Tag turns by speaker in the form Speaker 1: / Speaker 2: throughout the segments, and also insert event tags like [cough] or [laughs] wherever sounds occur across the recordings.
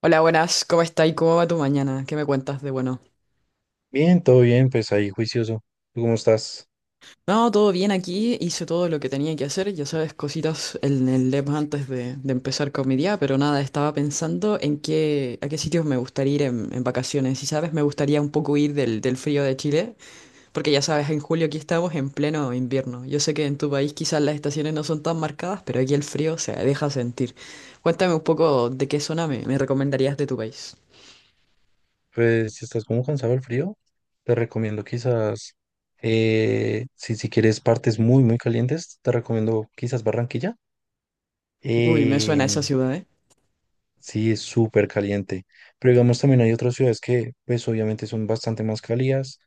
Speaker 1: Hola, buenas, ¿cómo estáis? ¿Cómo va tu mañana? ¿Qué me cuentas de bueno?
Speaker 2: Bien, todo bien, pues ahí juicioso. ¿Tú cómo estás?
Speaker 1: No, todo bien aquí, hice todo lo que tenía que hacer, ya sabes, cositas en el lab antes de empezar con mi día, pero nada, estaba pensando a qué sitios me gustaría ir en vacaciones. Y sabes, me gustaría un poco ir del frío de Chile, porque ya sabes, en julio aquí estamos en pleno invierno. Yo sé que en tu país quizás las estaciones no son tan marcadas, pero aquí el frío se deja sentir. Cuéntame un poco de qué zona me recomendarías de tu país.
Speaker 2: Pues si estás como cansado del frío, te recomiendo quizás, si quieres partes muy, muy calientes, te recomiendo quizás Barranquilla.
Speaker 1: Uy, me suena
Speaker 2: Eh,
Speaker 1: esa ciudad, ¿eh?
Speaker 2: sí, es súper caliente. Pero digamos también hay otras ciudades que pues obviamente son bastante más cálidas.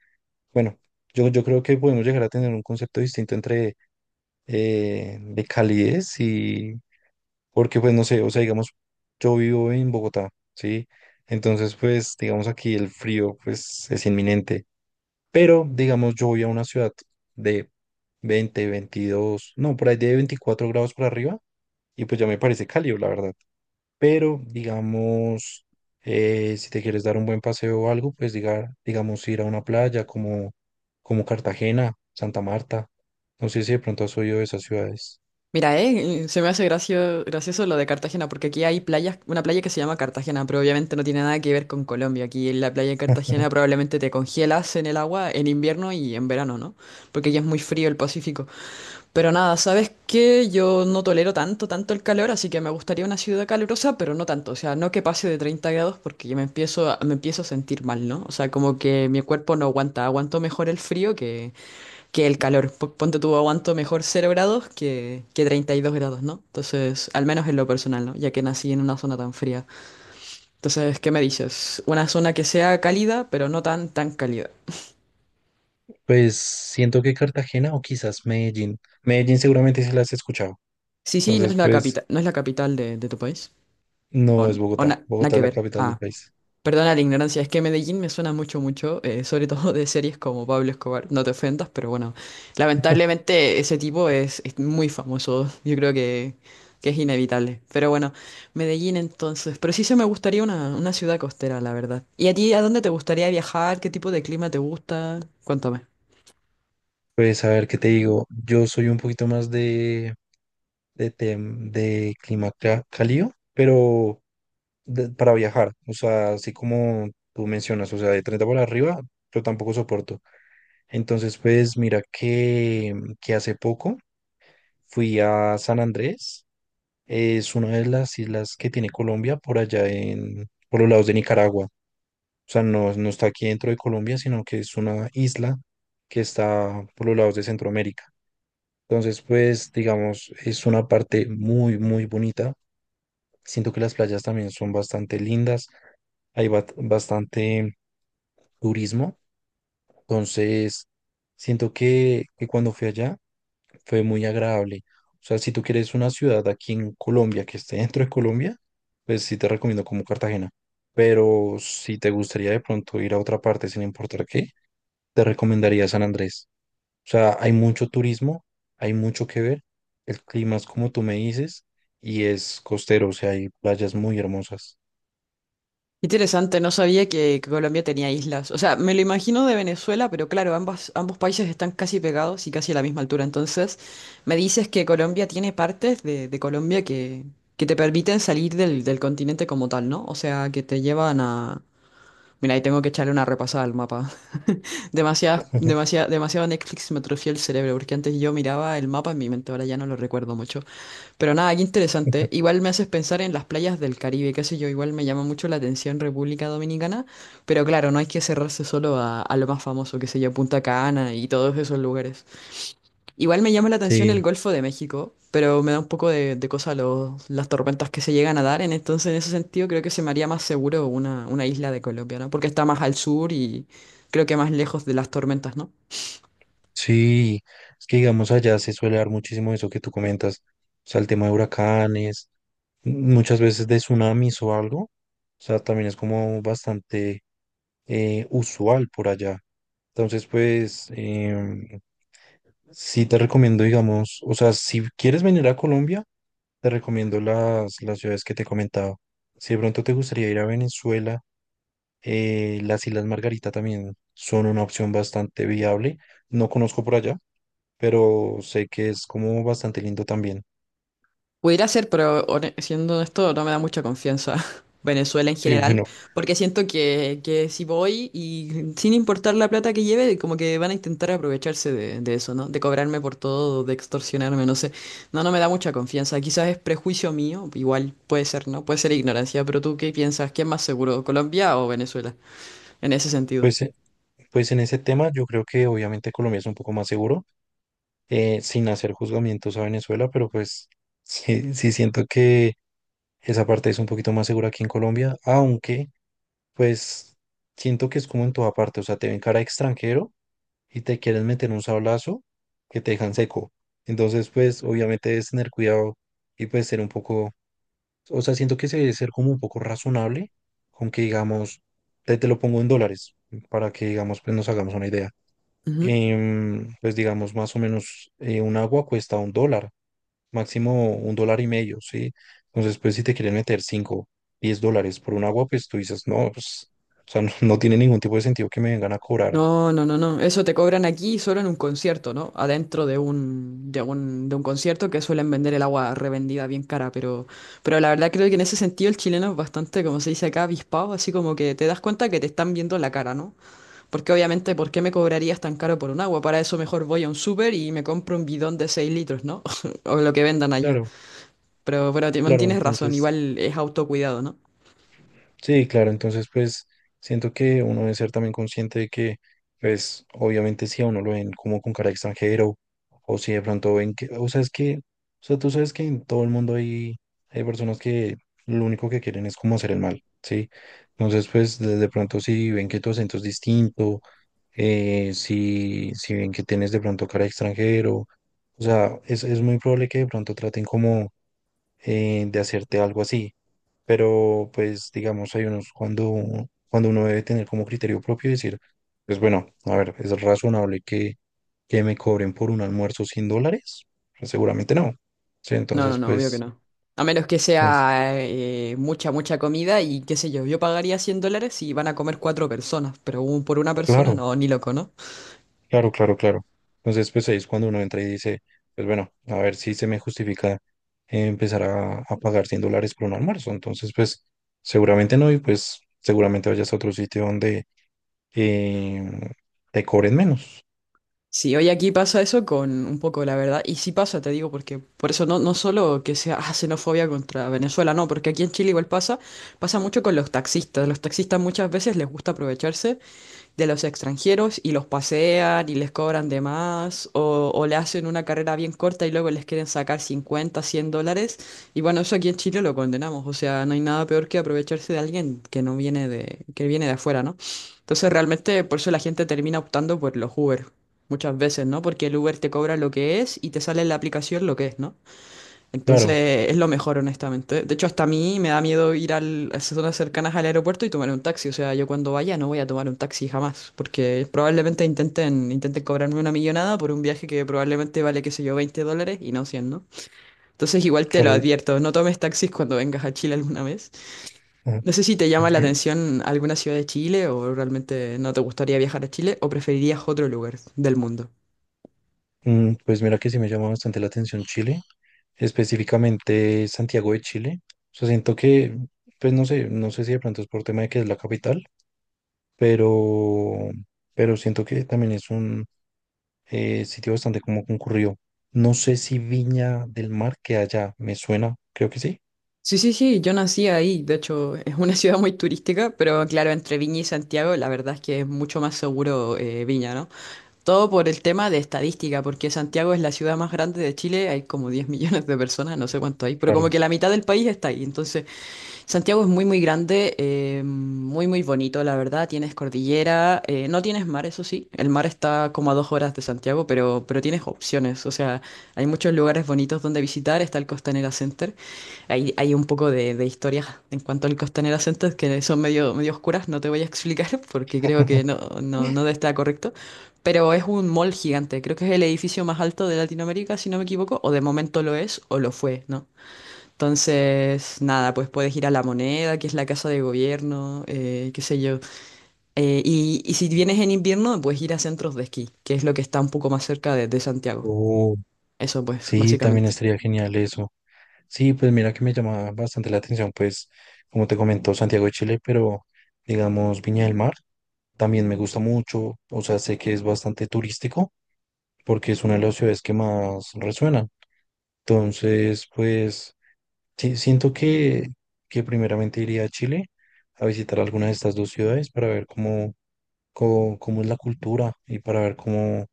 Speaker 2: Bueno, yo creo que podemos llegar a tener un concepto distinto entre de calidez y, porque pues no sé, o sea, digamos, yo vivo en Bogotá, ¿sí? Entonces, pues, digamos, aquí el frío, pues, es inminente. Pero, digamos, yo voy a una ciudad de 20 22, no, por ahí de 24 grados por arriba, y pues ya me parece cálido, la verdad. Pero, digamos, si te quieres dar un buen paseo o algo, pues, digamos, ir a una playa como, Cartagena, Santa Marta. No sé si de pronto has oído de esas ciudades.
Speaker 1: Mira, se me hace gracioso lo de Cartagena, porque aquí hay playas, una playa que se llama Cartagena, pero obviamente no tiene nada que ver con Colombia. Aquí en la playa de Cartagena
Speaker 2: [laughs]
Speaker 1: probablemente te congelas en el agua en invierno y en verano, ¿no? Porque ya es muy frío el Pacífico. Pero nada, ¿sabes qué? Yo no tolero tanto, tanto el calor, así que me gustaría una ciudad calurosa, pero no tanto. O sea, no que pase de 30 grados porque ya me empiezo a sentir mal, ¿no? O sea, como que mi cuerpo no aguanta, aguanto mejor el frío que el calor. Ponte tú aguanto mejor 0 grados que 32 grados, ¿no? Entonces, al menos en lo personal, ¿no? Ya que nací en una zona tan fría. Entonces, ¿qué me dices? Una zona que sea cálida, pero no tan, tan cálida.
Speaker 2: Pues siento que Cartagena o quizás Medellín. Medellín seguramente sí las has escuchado.
Speaker 1: Sí, sí, no
Speaker 2: Entonces,
Speaker 1: es la
Speaker 2: pues
Speaker 1: capital, no es la capital de tu país. O,
Speaker 2: no es
Speaker 1: n- o
Speaker 2: Bogotá.
Speaker 1: na- Nada
Speaker 2: Bogotá
Speaker 1: que
Speaker 2: es la
Speaker 1: ver.
Speaker 2: capital del
Speaker 1: Ah.
Speaker 2: país.
Speaker 1: Perdona la ignorancia, es que Medellín me suena mucho, mucho, sobre todo de series como Pablo Escobar, no te ofendas, pero bueno,
Speaker 2: [laughs]
Speaker 1: lamentablemente ese tipo es muy famoso, yo creo que es inevitable. Pero bueno, Medellín entonces, pero sí se me gustaría una ciudad costera, la verdad. ¿Y a ti a dónde te gustaría viajar? ¿Qué tipo de clima te gusta? Cuéntame.
Speaker 2: Pues a ver, ¿qué te digo? Yo soy un poquito más de clima cálido, pero para viajar, o sea, así como tú mencionas, o sea, de 30 para arriba, yo tampoco soporto. Entonces, pues mira que hace poco fui a San Andrés. Es una de las islas que tiene Colombia por allá por los lados de Nicaragua. O sea, no, no está aquí dentro de Colombia, sino que es una isla que está por los lados de Centroamérica. Entonces, pues, digamos, es una parte muy, muy bonita. Siento que las playas también son bastante lindas. Hay bastante turismo. Entonces, siento que cuando fui allá, fue muy agradable. O sea, si tú quieres una ciudad aquí en Colombia que esté [laughs] dentro de Colombia, pues sí te recomiendo como Cartagena. Pero si te gustaría de pronto ir a otra parte sin importar qué, te recomendaría San Andrés. O sea, hay mucho turismo, hay mucho que ver. El clima es como tú me dices y es costero, o sea, hay playas muy hermosas.
Speaker 1: Interesante, no sabía que Colombia tenía islas. O sea, me lo imagino de Venezuela, pero claro, ambas, ambos países están casi pegados y casi a la misma altura. Entonces, me dices que Colombia tiene partes de Colombia que te permiten salir del continente como tal, ¿no? O sea, que te llevan a... Mira, ahí tengo que echarle una repasada al mapa. [laughs] Demasiado,
Speaker 2: [laughs]
Speaker 1: demasiado, demasiado Netflix me atrofió el cerebro, porque antes yo miraba el mapa en mi mente, ahora ya no lo recuerdo mucho. Pero nada, qué interesante. Igual me haces pensar en las playas del Caribe, qué sé yo, igual me llama mucho la atención República Dominicana, pero claro, no hay que cerrarse a lo más famoso, qué sé yo, Punta Cana y todos esos lugares. Igual me llama la atención el
Speaker 2: Sí,
Speaker 1: Golfo de México, pero me da un poco de cosa las tormentas que se llegan a dar, entonces en ese sentido creo que se me haría más seguro una isla de Colombia, ¿no? Porque está más al sur y creo que más lejos de las tormentas, ¿no?
Speaker 2: sí, es que digamos allá se suele dar muchísimo eso que tú comentas, o sea, el tema de huracanes, muchas veces de tsunamis o algo. O sea, también es como bastante usual por allá. Entonces, pues, sí te recomiendo, digamos, o sea, si quieres venir a Colombia, te recomiendo las ciudades que te he comentado. Si de pronto te gustaría ir a Venezuela, las Islas Margarita también son una opción bastante viable. No conozco por allá, pero sé que es como bastante lindo también.
Speaker 1: Pudiera ser, pero siendo honesto, no me da mucha confianza [laughs] Venezuela en
Speaker 2: Y
Speaker 1: general,
Speaker 2: bueno,
Speaker 1: porque siento que si voy y sin importar la plata que lleve, como que van a intentar aprovecharse de eso, ¿no? De cobrarme por todo, de extorsionarme, no sé. No, no me da mucha confianza. Quizás es prejuicio mío, igual puede ser, ¿no? Puede ser ignorancia, pero ¿tú qué piensas? ¿Qué es más seguro, Colombia o Venezuela? En ese sentido.
Speaker 2: pues, pues en ese tema yo creo que obviamente Colombia es un poco más seguro. Sin hacer juzgamientos a Venezuela, pero pues sí, sí siento que esa parte es un poquito más segura aquí en Colombia, aunque pues siento que es como en toda parte, o sea, te ven cara de extranjero y te quieren meter un sablazo que te dejan seco. Entonces, pues obviamente debes tener cuidado y pues ser un poco, o sea, siento que se debe ser como un poco razonable con que digamos, te lo pongo en dólares para que digamos, pues nos hagamos una idea. Pues digamos, más o menos un agua cuesta un dólar máximo un dólar y medio, ¿sí? Entonces, pues si te quieren meter 5, $10 por un agua, pues tú dices, no, pues, o sea, no, no tiene ningún tipo de sentido que me vengan a cobrar.
Speaker 1: No, no, no, no. Eso te cobran aquí solo en un concierto, ¿no? Adentro de un concierto que suelen vender el agua revendida bien cara, pero la verdad creo que en ese sentido el chileno es bastante, como se dice acá, avispado, así como que te das cuenta que te están viendo la cara, ¿no? Porque obviamente, ¿por qué me cobrarías tan caro por un agua? Para eso mejor voy a un súper y me compro un bidón de 6 litros, ¿no? [laughs] O lo que vendan allá.
Speaker 2: Claro,
Speaker 1: Pero
Speaker 2: claro,
Speaker 1: tienes razón,
Speaker 2: entonces,
Speaker 1: igual es autocuidado, ¿no?
Speaker 2: sí, claro, entonces, pues siento que uno debe ser también consciente de que, pues, obviamente si a uno lo ven como con cara de extranjero, o si de pronto ven que, o sea, es que, o sea, tú sabes que en todo el mundo hay personas que lo único que quieren es como hacer el mal, ¿sí? Entonces, pues, de pronto si ven que tu acento es distinto, si ven que tienes de pronto cara de extranjero, o sea, es muy probable que de pronto traten como de hacerte algo así, pero pues digamos, hay unos cuando uno debe tener como criterio propio y decir, pues bueno, a ver, ¿es razonable que me cobren por un almuerzo $100? Pues, seguramente no. Sí,
Speaker 1: No, no,
Speaker 2: entonces
Speaker 1: no, obvio que
Speaker 2: pues,
Speaker 1: no. A menos que
Speaker 2: pues,
Speaker 1: sea mucha, mucha comida y qué sé yo, yo pagaría $100 y van a comer cuatro personas, pero por una persona,
Speaker 2: claro.
Speaker 1: no, ni loco, ¿no?
Speaker 2: Claro, claro, claro. Entonces, pues ahí es cuando uno entra y dice, pues bueno, a ver si se me justifica empezar a pagar $100 por un almuerzo. Entonces, pues seguramente no y pues seguramente vayas a otro sitio donde em, te cobren menos.
Speaker 1: Sí, hoy aquí pasa eso con un poco la verdad, y sí pasa, te digo, porque por eso no solo que sea [laughs] ah, xenofobia contra Venezuela, no, porque aquí en Chile igual pasa, pasa mucho con los taxistas. Los taxistas muchas veces les gusta aprovecharse. De los extranjeros y los pasean y les cobran de más o le hacen una carrera bien corta y luego les quieren sacar 50, $100. Y bueno, eso aquí en Chile lo condenamos. O sea, no hay nada peor que aprovecharse de alguien que no viene de, que viene de afuera, ¿no? Entonces realmente por eso la gente termina optando por los Uber muchas veces, ¿no? Porque el Uber te cobra lo que es y te sale en la aplicación lo que es, ¿no?
Speaker 2: Claro,
Speaker 1: Entonces es lo mejor, honestamente. De hecho, hasta a mí me da miedo ir al, a zonas cercanas al aeropuerto y tomar un taxi. O sea, yo cuando vaya no voy a tomar un taxi jamás, porque probablemente intenten cobrarme una millonada por un viaje que probablemente vale, qué sé yo, $20 y no 100, ¿no? Entonces igual te lo
Speaker 2: claro.
Speaker 1: advierto, no tomes taxis cuando vengas a Chile alguna vez.
Speaker 2: Ah,
Speaker 1: No sé si te llama la
Speaker 2: [laughs]
Speaker 1: atención alguna ciudad de Chile o realmente no te gustaría viajar a Chile o preferirías otro lugar del mundo.
Speaker 2: Pues mira que sí me llama bastante la atención Chile, específicamente Santiago de Chile. O sea, siento que, pues no sé, no sé si de pronto es por tema de que es la capital, pero, siento que también es un sitio bastante como concurrido. No sé si Viña del Mar que allá, me suena, creo que sí.
Speaker 1: Sí, sí, sí, yo nací ahí, de hecho es una [laughs] ciudad muy turística, pero claro, entre Viña y Santiago la verdad es que es mucho más seguro Viña, ¿no? Todo por el tema de estadística, porque Santiago es la ciudad más grande de Chile, hay como 10 millones de personas, no sé cuánto hay, pero como
Speaker 2: Claro.
Speaker 1: que la mitad del país está ahí, entonces Santiago es muy, muy grande, muy, muy bonito, la verdad, tienes cordillera, no tienes mar, eso sí, el mar está como a 2 horas de Santiago, pero tienes opciones, o sea, hay muchos lugares bonitos donde visitar, está el Costanera Center. Hay un poco de historias en cuanto al Costanera Center que son medio, medio oscuras, no te voy a explicar [laughs] porque creo que
Speaker 2: [laughs]
Speaker 1: no, no, no está correcto, pero es un mall gigante, creo que es el edificio más alto de Latinoamérica, si no me equivoco, o de momento lo es o lo fue, ¿no? Entonces, nada, pues puedes ir a La Moneda, que es la casa de gobierno, qué sé yo. Y si vienes en invierno, puedes ir a centros de esquí, que es lo que está un poco más cerca de Santiago.
Speaker 2: Oh,
Speaker 1: Eso pues,
Speaker 2: sí, también
Speaker 1: básicamente.
Speaker 2: estaría genial eso. Sí, pues mira que me llama bastante la atención, pues como te comentó Santiago de Chile, pero digamos Viña del Mar también me gusta mucho, o sea, sé que es bastante turístico porque es una de las ciudades que más resuena. Entonces, pues sí, siento que primeramente iría a Chile a visitar alguna de estas dos ciudades para ver cómo es la cultura y para ver cómo,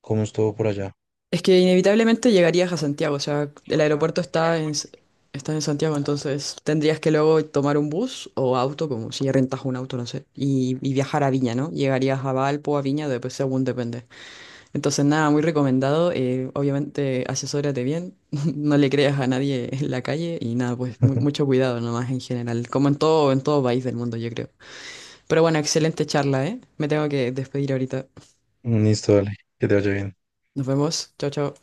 Speaker 2: cómo es todo por allá.
Speaker 1: Es que inevitablemente llegarías a Santiago, o sea, el aeropuerto está está en Santiago, entonces tendrías que luego tomar un bus o auto, como si rentas un auto, no sé, y viajar a Viña, ¿no? Llegarías a Valpo, a Viña, después según depende. Entonces, nada, muy recomendado, obviamente asesórate bien, [laughs] no le creas a nadie en la calle y nada, pues
Speaker 2: [laughs]
Speaker 1: mucho cuidado nomás en general, como en todo país del mundo, yo creo. Pero bueno, excelente charla, ¿eh? Me tengo que despedir ahorita.
Speaker 2: Listo, dale, que te vaya bien.
Speaker 1: Nos vemos, chao, chao.